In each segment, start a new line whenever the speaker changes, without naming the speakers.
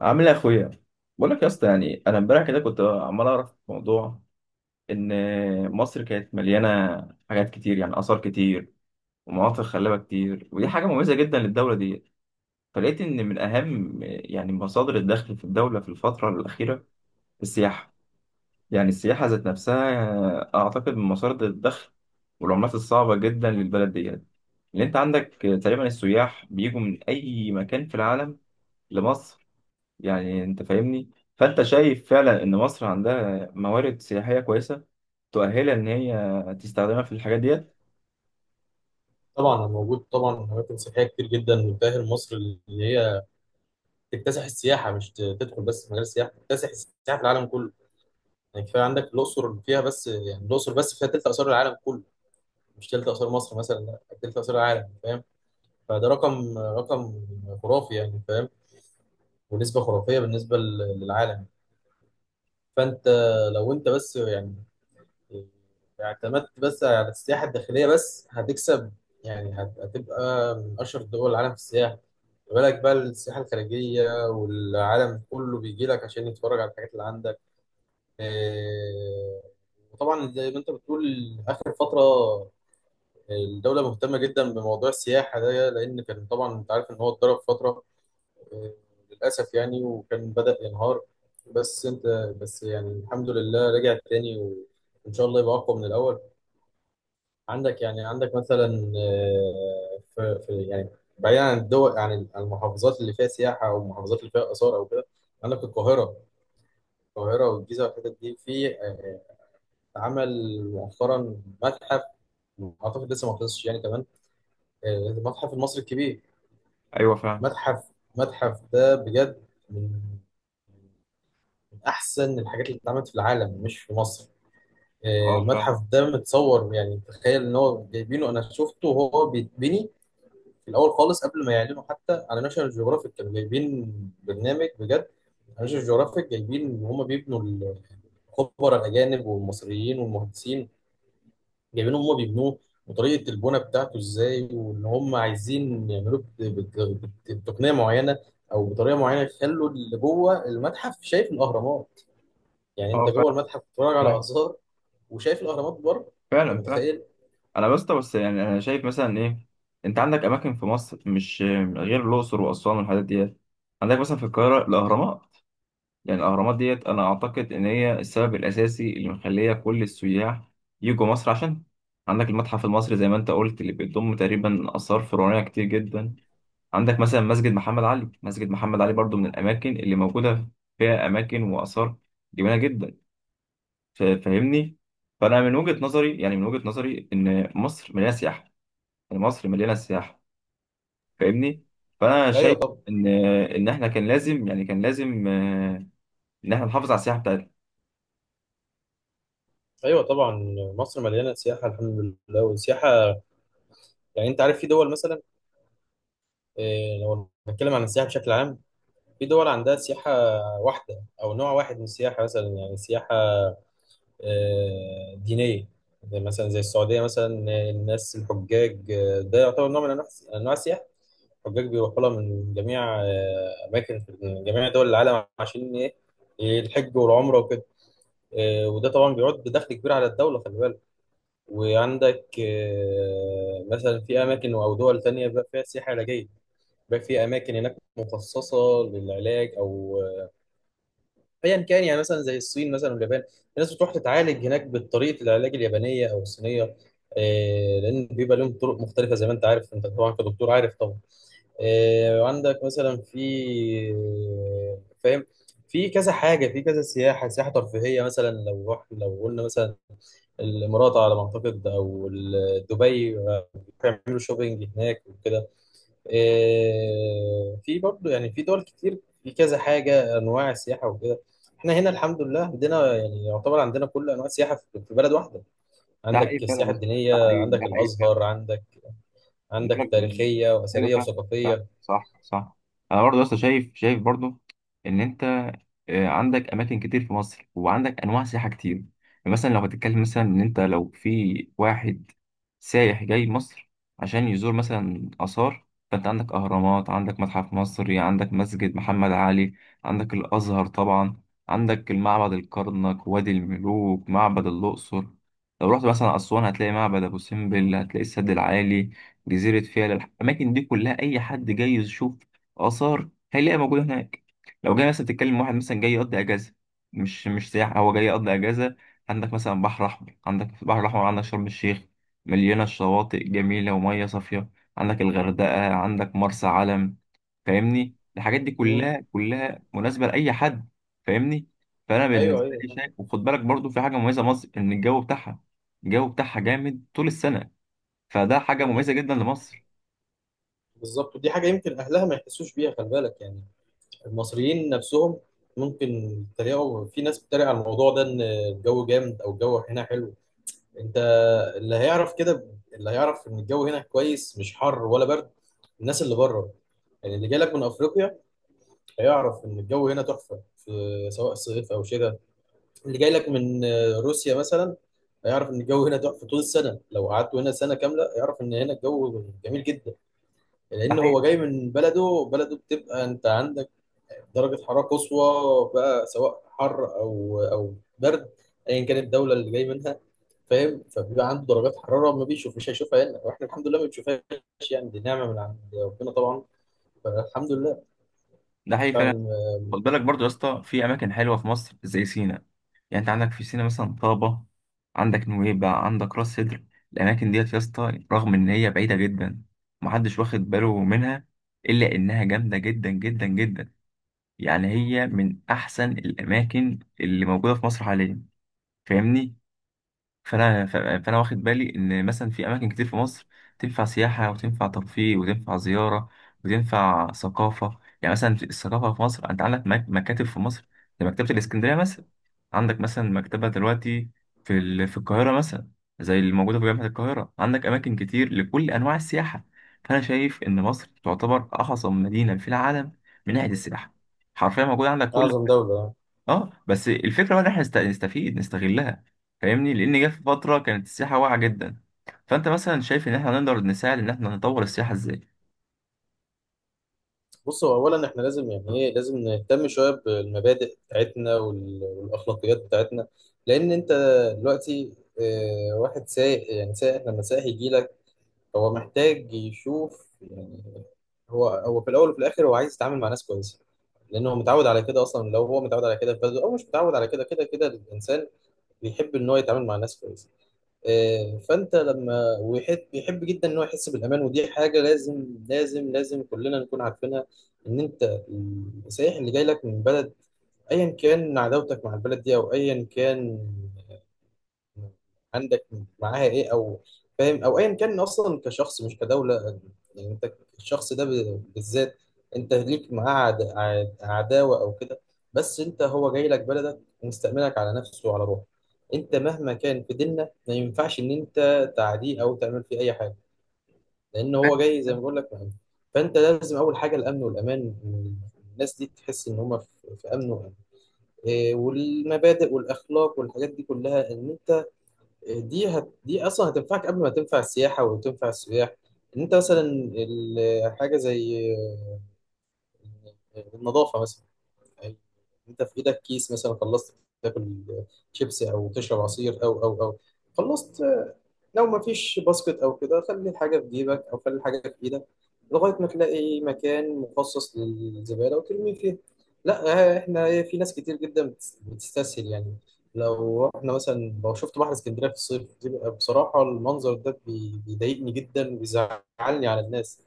عامل ايه يا اخويا؟ بقول لك يا اسطى، يعني انا امبارح كده كنت عمال اعرف موضوع ان مصر كانت مليانه حاجات كتير، يعني اثار كتير ومناطق خلابه كتير، ودي حاجه مميزه جدا للدوله دي. فلقيت ان من اهم يعني مصادر الدخل في الدوله في الفتره الاخيره السياحه. يعني السياحه ذات نفسها اعتقد من مصادر الدخل والعملات الصعبه جدا للبلد ديت اللي انت عندك. تقريبا السياح بيجوا من اي مكان في العالم لمصر. يعني انت فاهمني؟ فانت شايف فعلا ان مصر عندها موارد سياحية كويسة تؤهلها ان هي تستخدمها في الحاجات ديت.
طبعا، أنا موجود. طبعا اماكن سياحيه كتير جدا بتاهل مصر اللي هي تكتسح السياحه. مش تدخل بس في مجال السياحه، تكتسح السياحه في العالم كله. يعني كفايه عندك الاقصر فيها، بس يعني الاقصر بس فيها تلت اثار العالم كله. مش تلت اثار مصر مثلا، لا، تلت اثار العالم. فاهم؟ فده رقم خرافي يعني. فاهم؟ ونسبه خرافيه بالنسبه للعالم. فانت لو انت بس يعني اعتمدت بس على السياحة الداخلية، بس هتكسب. يعني هتبقى من أشهر دول العالم في السياحة. ما بالك بقى السياحة الخارجية، والعالم كله بيجي لك عشان يتفرج على الحاجات اللي عندك. إيه، وطبعا زي ما انت بتقول، آخر فترة الدولة مهتمة جدا بموضوع السياحة ده، لأن كان طبعا انت عارف إن هو اتضرب فترة، إيه، للأسف يعني، وكان بدأ ينهار. بس انت بس يعني الحمد لله رجع تاني، وإن شاء الله يبقى أقوى من الأول. عندك مثلا، في يعني بعيدا عن الدول، عن المحافظات اللي فيها سياحة أو المحافظات اللي فيها آثار أو كده. عندك القاهرة. والجيزة والحتت دي، في اتعمل مؤخرا متحف، أعتقد لسه ما خلصش يعني كمان، المتحف المصري الكبير.
ايوه فاهم.
متحف متحف ده بجد من أحسن الحاجات اللي اتعملت في العالم مش في مصر.
اه
المتحف
فاهم.
ده متصور، يعني تخيل إن هو جايبينه. أنا شفته وهو بيتبني في الاول خالص قبل ما يعلنوا، حتى على ناشونال جيوغرافيك كانوا جايبين برنامج بجد. ناشونال جيوغرافيك جايبين ان هم بيبنوا، الخبراء الاجانب والمصريين والمهندسين جايبين هم بيبنوه، وطريقه البناء بتاعته ازاي، وان هم عايزين يعملوه بت- بت- بتقنيه معينه او بطريقه معينه، يخلوا اللي جوه المتحف شايف الاهرامات. يعني انت
اه
جوه
فاهم،
المتحف بتتفرج على
فاهم.
اثار وشايف الاهرامات بره. انت
فعلا فاهم.
متخيل؟
انا بس بس يعني انا شايف مثلا ايه، انت عندك اماكن في مصر مش غير الاقصر واسوان والحاجات ديت. عندك مثلا في القاهرة الاهرامات. يعني الاهرامات ديت انا اعتقد ان هي السبب الاساسي اللي مخليه كل السياح يجوا مصر عشان. عندك المتحف المصري زي ما انت قلت اللي بيضم تقريبا اثار فرعونيه كتير جدا. عندك مثلا مسجد محمد علي برضو من الأماكن اللي موجودة فيها أماكن وآثار جميلة جدا. فاهمني. فأنا من وجهة نظري، يعني من وجهة نظري إن مصر مليانة سياحة، يعني مصر مليانة سياحة. فاهمني؟ فأنا
ايوه
شايف
طبعا.
إن إن إحنا كان لازم، إن إحنا نحافظ على السياحة بتاعتنا.
ايوه طبعا، مصر مليانه سياحه الحمد لله. والسياحه يعني انت عارف، في دول مثلا، لو نتكلم عن السياحة بشكل عام، في دول عندها سياحة واحدة أو نوع واحد من السياحة. مثلا يعني سياحة دينية، زي مثلا زي السعودية مثلا. الناس الحجاج، ده يعتبر نوع من أنواع السياحة. الحجاج بيروحوا لها من جميع أماكن، من جميع دول العالم. عشان إيه؟ الحج والعمرة وكده. وده طبعا بيعود بدخل كبير على الدولة، خلي بالك. وعندك مثلا في أماكن أو دول تانية بقى فيها سياحة علاجية. بقى في اماكن هناك مخصصه للعلاج او ايا كان، يعني مثلا زي الصين مثلا واليابان، في ناس بتروح تتعالج هناك بطريقه العلاج اليابانيه او الصينيه. لان بيبقى لهم طرق مختلفه، زي ما انت عارف انت طبعا كدكتور عارف طبعا. عندك مثلا في. فاهم؟ في كذا حاجه، في كذا سياحه. سياحه ترفيهيه مثلا، لو رحت لو قلنا مثلا الامارات على ما اعتقد او دبي، بيعملوا شوبينج هناك وكده. في برضه، يعني في دول كتير في كذا حاجة، أنواع السياحة وكده. احنا هنا الحمد لله عندنا، يعني يعتبر عندنا كل أنواع السياحة في بلد واحدة.
ده
عندك
حقيقي فعلا يا
السياحة
اسطى، ده
الدينية،
حقيقي، ده
عندك
حقيقي.
الأزهر، عندك
بقولك-
تاريخية
ايوه
وأثرية
فاهم، فاهم،
وثقافية.
صح، صح. انا برضه لسه شايف، شايف برضه ان انت عندك اماكن كتير في مصر، وعندك انواع سياحه كتير. يعني مثلا لو هتتكلم مثلا ان انت لو في واحد سايح جاي مصر عشان يزور مثلا اثار، فانت عندك اهرامات، عندك متحف مصري، عندك مسجد محمد علي، عندك الازهر طبعا، عندك المعبد الكرنك، وادي الملوك، معبد الاقصر. لو رحت مثلا اسوان هتلاقي معبد ابو سمبل، هتلاقي السد العالي، جزيرة فيلة. الأماكن دي كلها أي حد جاي يشوف آثار هيلاقيها موجودة هناك. لو جاي مثلا تتكلم واحد مثلا جاي يقضي أجازة، مش سياحة، هو جاي يقضي أجازة. عندك مثلا بحر أحمر، عندك في البحر الأحمر عندك شرم الشيخ، مليانة شواطئ جميلة ومية صافية. عندك الغردقة، عندك مرسى علم. فاهمني؟ الحاجات دي
مم.
كلها كلها مناسبة لأي حد. فاهمني؟ فأنا
أيوه،
بالنسبة لي
أيوه.
شايف، وخد بالك برضو في حاجة مميزة مصر إن الجو بتاعها جامد طول السنة. فده حاجه
مم.
مميزه جدا لمصر.
بالظبط. ودي حاجة يمكن أهلها ما يحسوش بيها، خلي بالك، يعني المصريين نفسهم ممكن يتريقوا. في ناس بتتريق على الموضوع ده، إن الجو جامد أو الجو هنا حلو. انت اللي هيعرف كده، اللي هيعرف ان الجو هنا كويس، مش حر ولا برد، الناس اللي بره، يعني اللي جاي لك من افريقيا، هيعرف ان الجو هنا تحفه سواء صيف او شتاء. اللي جاي لك من روسيا مثلا، هيعرف ان الجو هنا تحفه طول السنه. لو قعدت هنا سنه كامله هيعرف ان هنا الجو جميل جدا،
ده
لان هو جاي
حقيقي،
من بلده. بلده بتبقى انت عندك درجه حراره قصوى، بقى سواء حر او برد، ايا كانت الدوله اللي جاي منها. فاهم؟ فبيبقى عنده درجات حراره، ما بيشوف مش هيشوفها هنا، واحنا الحمد لله ما بنشوفهاش. يعني دي نعمه من عند ربنا طبعا، فالحمد لله.
ده حقيقي فعلا.
فعلا،
خد بالك برضو يا اسطى، في اماكن حلوه في مصر زي سينا. يعني انت عندك في سينا مثلا طابه، عندك نويبع، عندك راس سدر. الاماكن ديت يا اسطى رغم ان هي بعيده جدا محدش واخد باله منها، الا انها جامده جدا جدا جدا. يعني هي من احسن الاماكن اللي موجوده في مصر حاليا. فاهمني؟ فانا فانا واخد بالي ان مثلا في اماكن كتير في مصر تنفع سياحه وتنفع ترفيه وتنفع زياره وتنفع ثقافه. يعني مثلا في الثقافه في مصر انت عندك مكاتب في مصر زي مكتبه الاسكندريه مثلا. عندك مثلا مكتبه دلوقتي في القاهره مثلا، زي اللي موجوده في جامعه القاهره. عندك اماكن كتير لكل انواع السياحه. فانا شايف ان مصر تعتبر احسن مدينه في العالم من ناحيه السياحه. حرفيا موجود عندك كل.
اعظم دوله.
اه، بس الفكره بقى ان احنا نستفيد نستغلها. فاهمني؟ لان جه في فتره كانت السياحه واقعه جدا. فانت مثلا شايف ان احنا نقدر نساعد ان احنا نطور السياحه ازاي؟
بص، هو اولا احنا لازم، يعني ايه، لازم نهتم شويه بالمبادئ بتاعتنا والاخلاقيات بتاعتنا. لان انت دلوقتي، واحد سايق، يعني سايق يجي لك، هو محتاج يشوف، يعني هو في الاول وفي الاخر هو عايز يتعامل مع ناس كويسه، لان هو متعود على كده اصلا. لو هو متعود على كده في بلده او مش متعود على كده، كده كده الانسان بيحب ان هو يتعامل مع ناس كويسه. فانت لما بيحب جدا ان هو يحس بالامان، ودي حاجه لازم لازم لازم كلنا نكون عارفينها. ان انت، السائح اللي جاي لك من بلد، ايا كان عداوتك مع البلد دي، او ايا كان عندك معاها ايه، او فاهم، او ايا كان اصلا كشخص مش كدوله. يعني انت الشخص ده بالذات، انت ليك معاه عداوه او كده. بس انت، هو جاي لك بلدك ومستأمنك على نفسه وعلى روحه. انت مهما كان، في ديننا ما ينفعش ان انت تعديه او تعمل فيه اي حاجه، لان هو
فاهم؟
جاي زي ما بقول لك مأمن. فانت لازم، اول حاجه الامن والامان، الناس دي تحس ان هم في امن وامان. والمبادئ والاخلاق والحاجات دي كلها، ان انت، دي اصلا هتنفعك قبل ما تنفع السياحه وتنفع السياح. ان انت مثلا، حاجه زي النظافه مثلا، أي- انت في ايدك كيس مثلا، خلصت تاكل شيبسي او تشرب عصير او، خلصت، لو ما فيش باسكت او كده، خلي الحاجه في جيبك او خلي الحاجه في ايدك لغايه ما تلاقي مكان مخصص للزباله وترمي فيه. لا، احنا، في ناس كتير جدا بتستسهل يعني. لو احنا مثلا لو شفت بحر اسكندريه في الصيف، بيبقى بصراحه المنظر ده بيضايقني جدا وبيزعلني على الناس.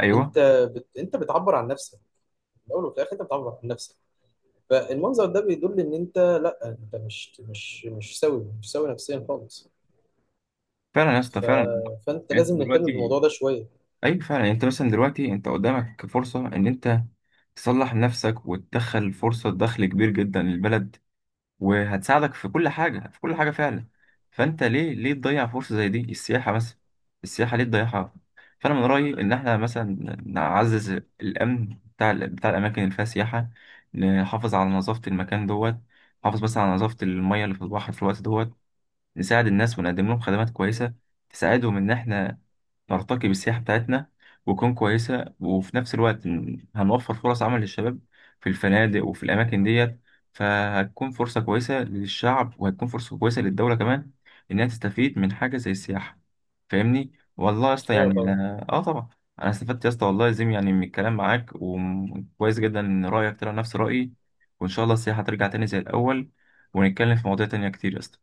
ايوه
انت انت بتعبر عن نفسك، في الاول وفي الاخر انت بتعبر عن نفسك. فالمنظر ده بيدل ان انت، لا، انت مش سوي، مش سوي نفسيا خالص.
فعلا يا اسطى،
ف...
فعلا.
فانت
يعني انت
لازم نهتم
دلوقتي،
بالموضوع ده شويه.
ايوه فعلا، يعني انت مثلا دلوقتي انت قدامك فرصه ان انت تصلح نفسك وتدخل فرصه دخل كبير جدا للبلد، وهتساعدك في كل حاجة في كل حاجة فعلا. فأنت ليه ليه تضيع فرصة زي دي؟ السياحة مثلا، السياحة ليه تضيعها؟ فأنا من رأيي إن إحنا مثلا نعزز الأمن بتاع بتاع الأماكن اللي فيها سياحة، نحافظ على نظافة المكان دوت، نحافظ مثلا على نظافة المية اللي في البحر في الوقت دوت، نساعد الناس ونقدم لهم خدمات كويسة تساعدهم إن إحنا نرتقي بالسياحة بتاعتنا وتكون كويسة، وفي نفس الوقت هنوفر فرص عمل للشباب في الفنادق وفي الأماكن ديت. فهتكون فرصة كويسة للشعب، وهتكون فرصة كويسة للدولة كمان، إنها تستفيد من حاجة زي السياحة. فاهمني؟ والله يا اسطى،
ايوه
يعني
طبعا.
طبعا، أنا استفدت يا اسطى، والله يا زيم يعني من الكلام معاك، وكويس جدا إن رأيك طلع نفس رأيي. وإن شاء الله السياحة ترجع تاني زي الأول، ونتكلم في مواضيع تانية كتير يا اسطى.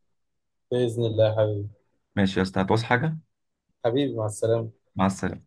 باذن الله يا حبيبي.
ماشي يا اسطى، هتعوز حاجة؟
حبيبي، مع السلامه.
مع السلامة.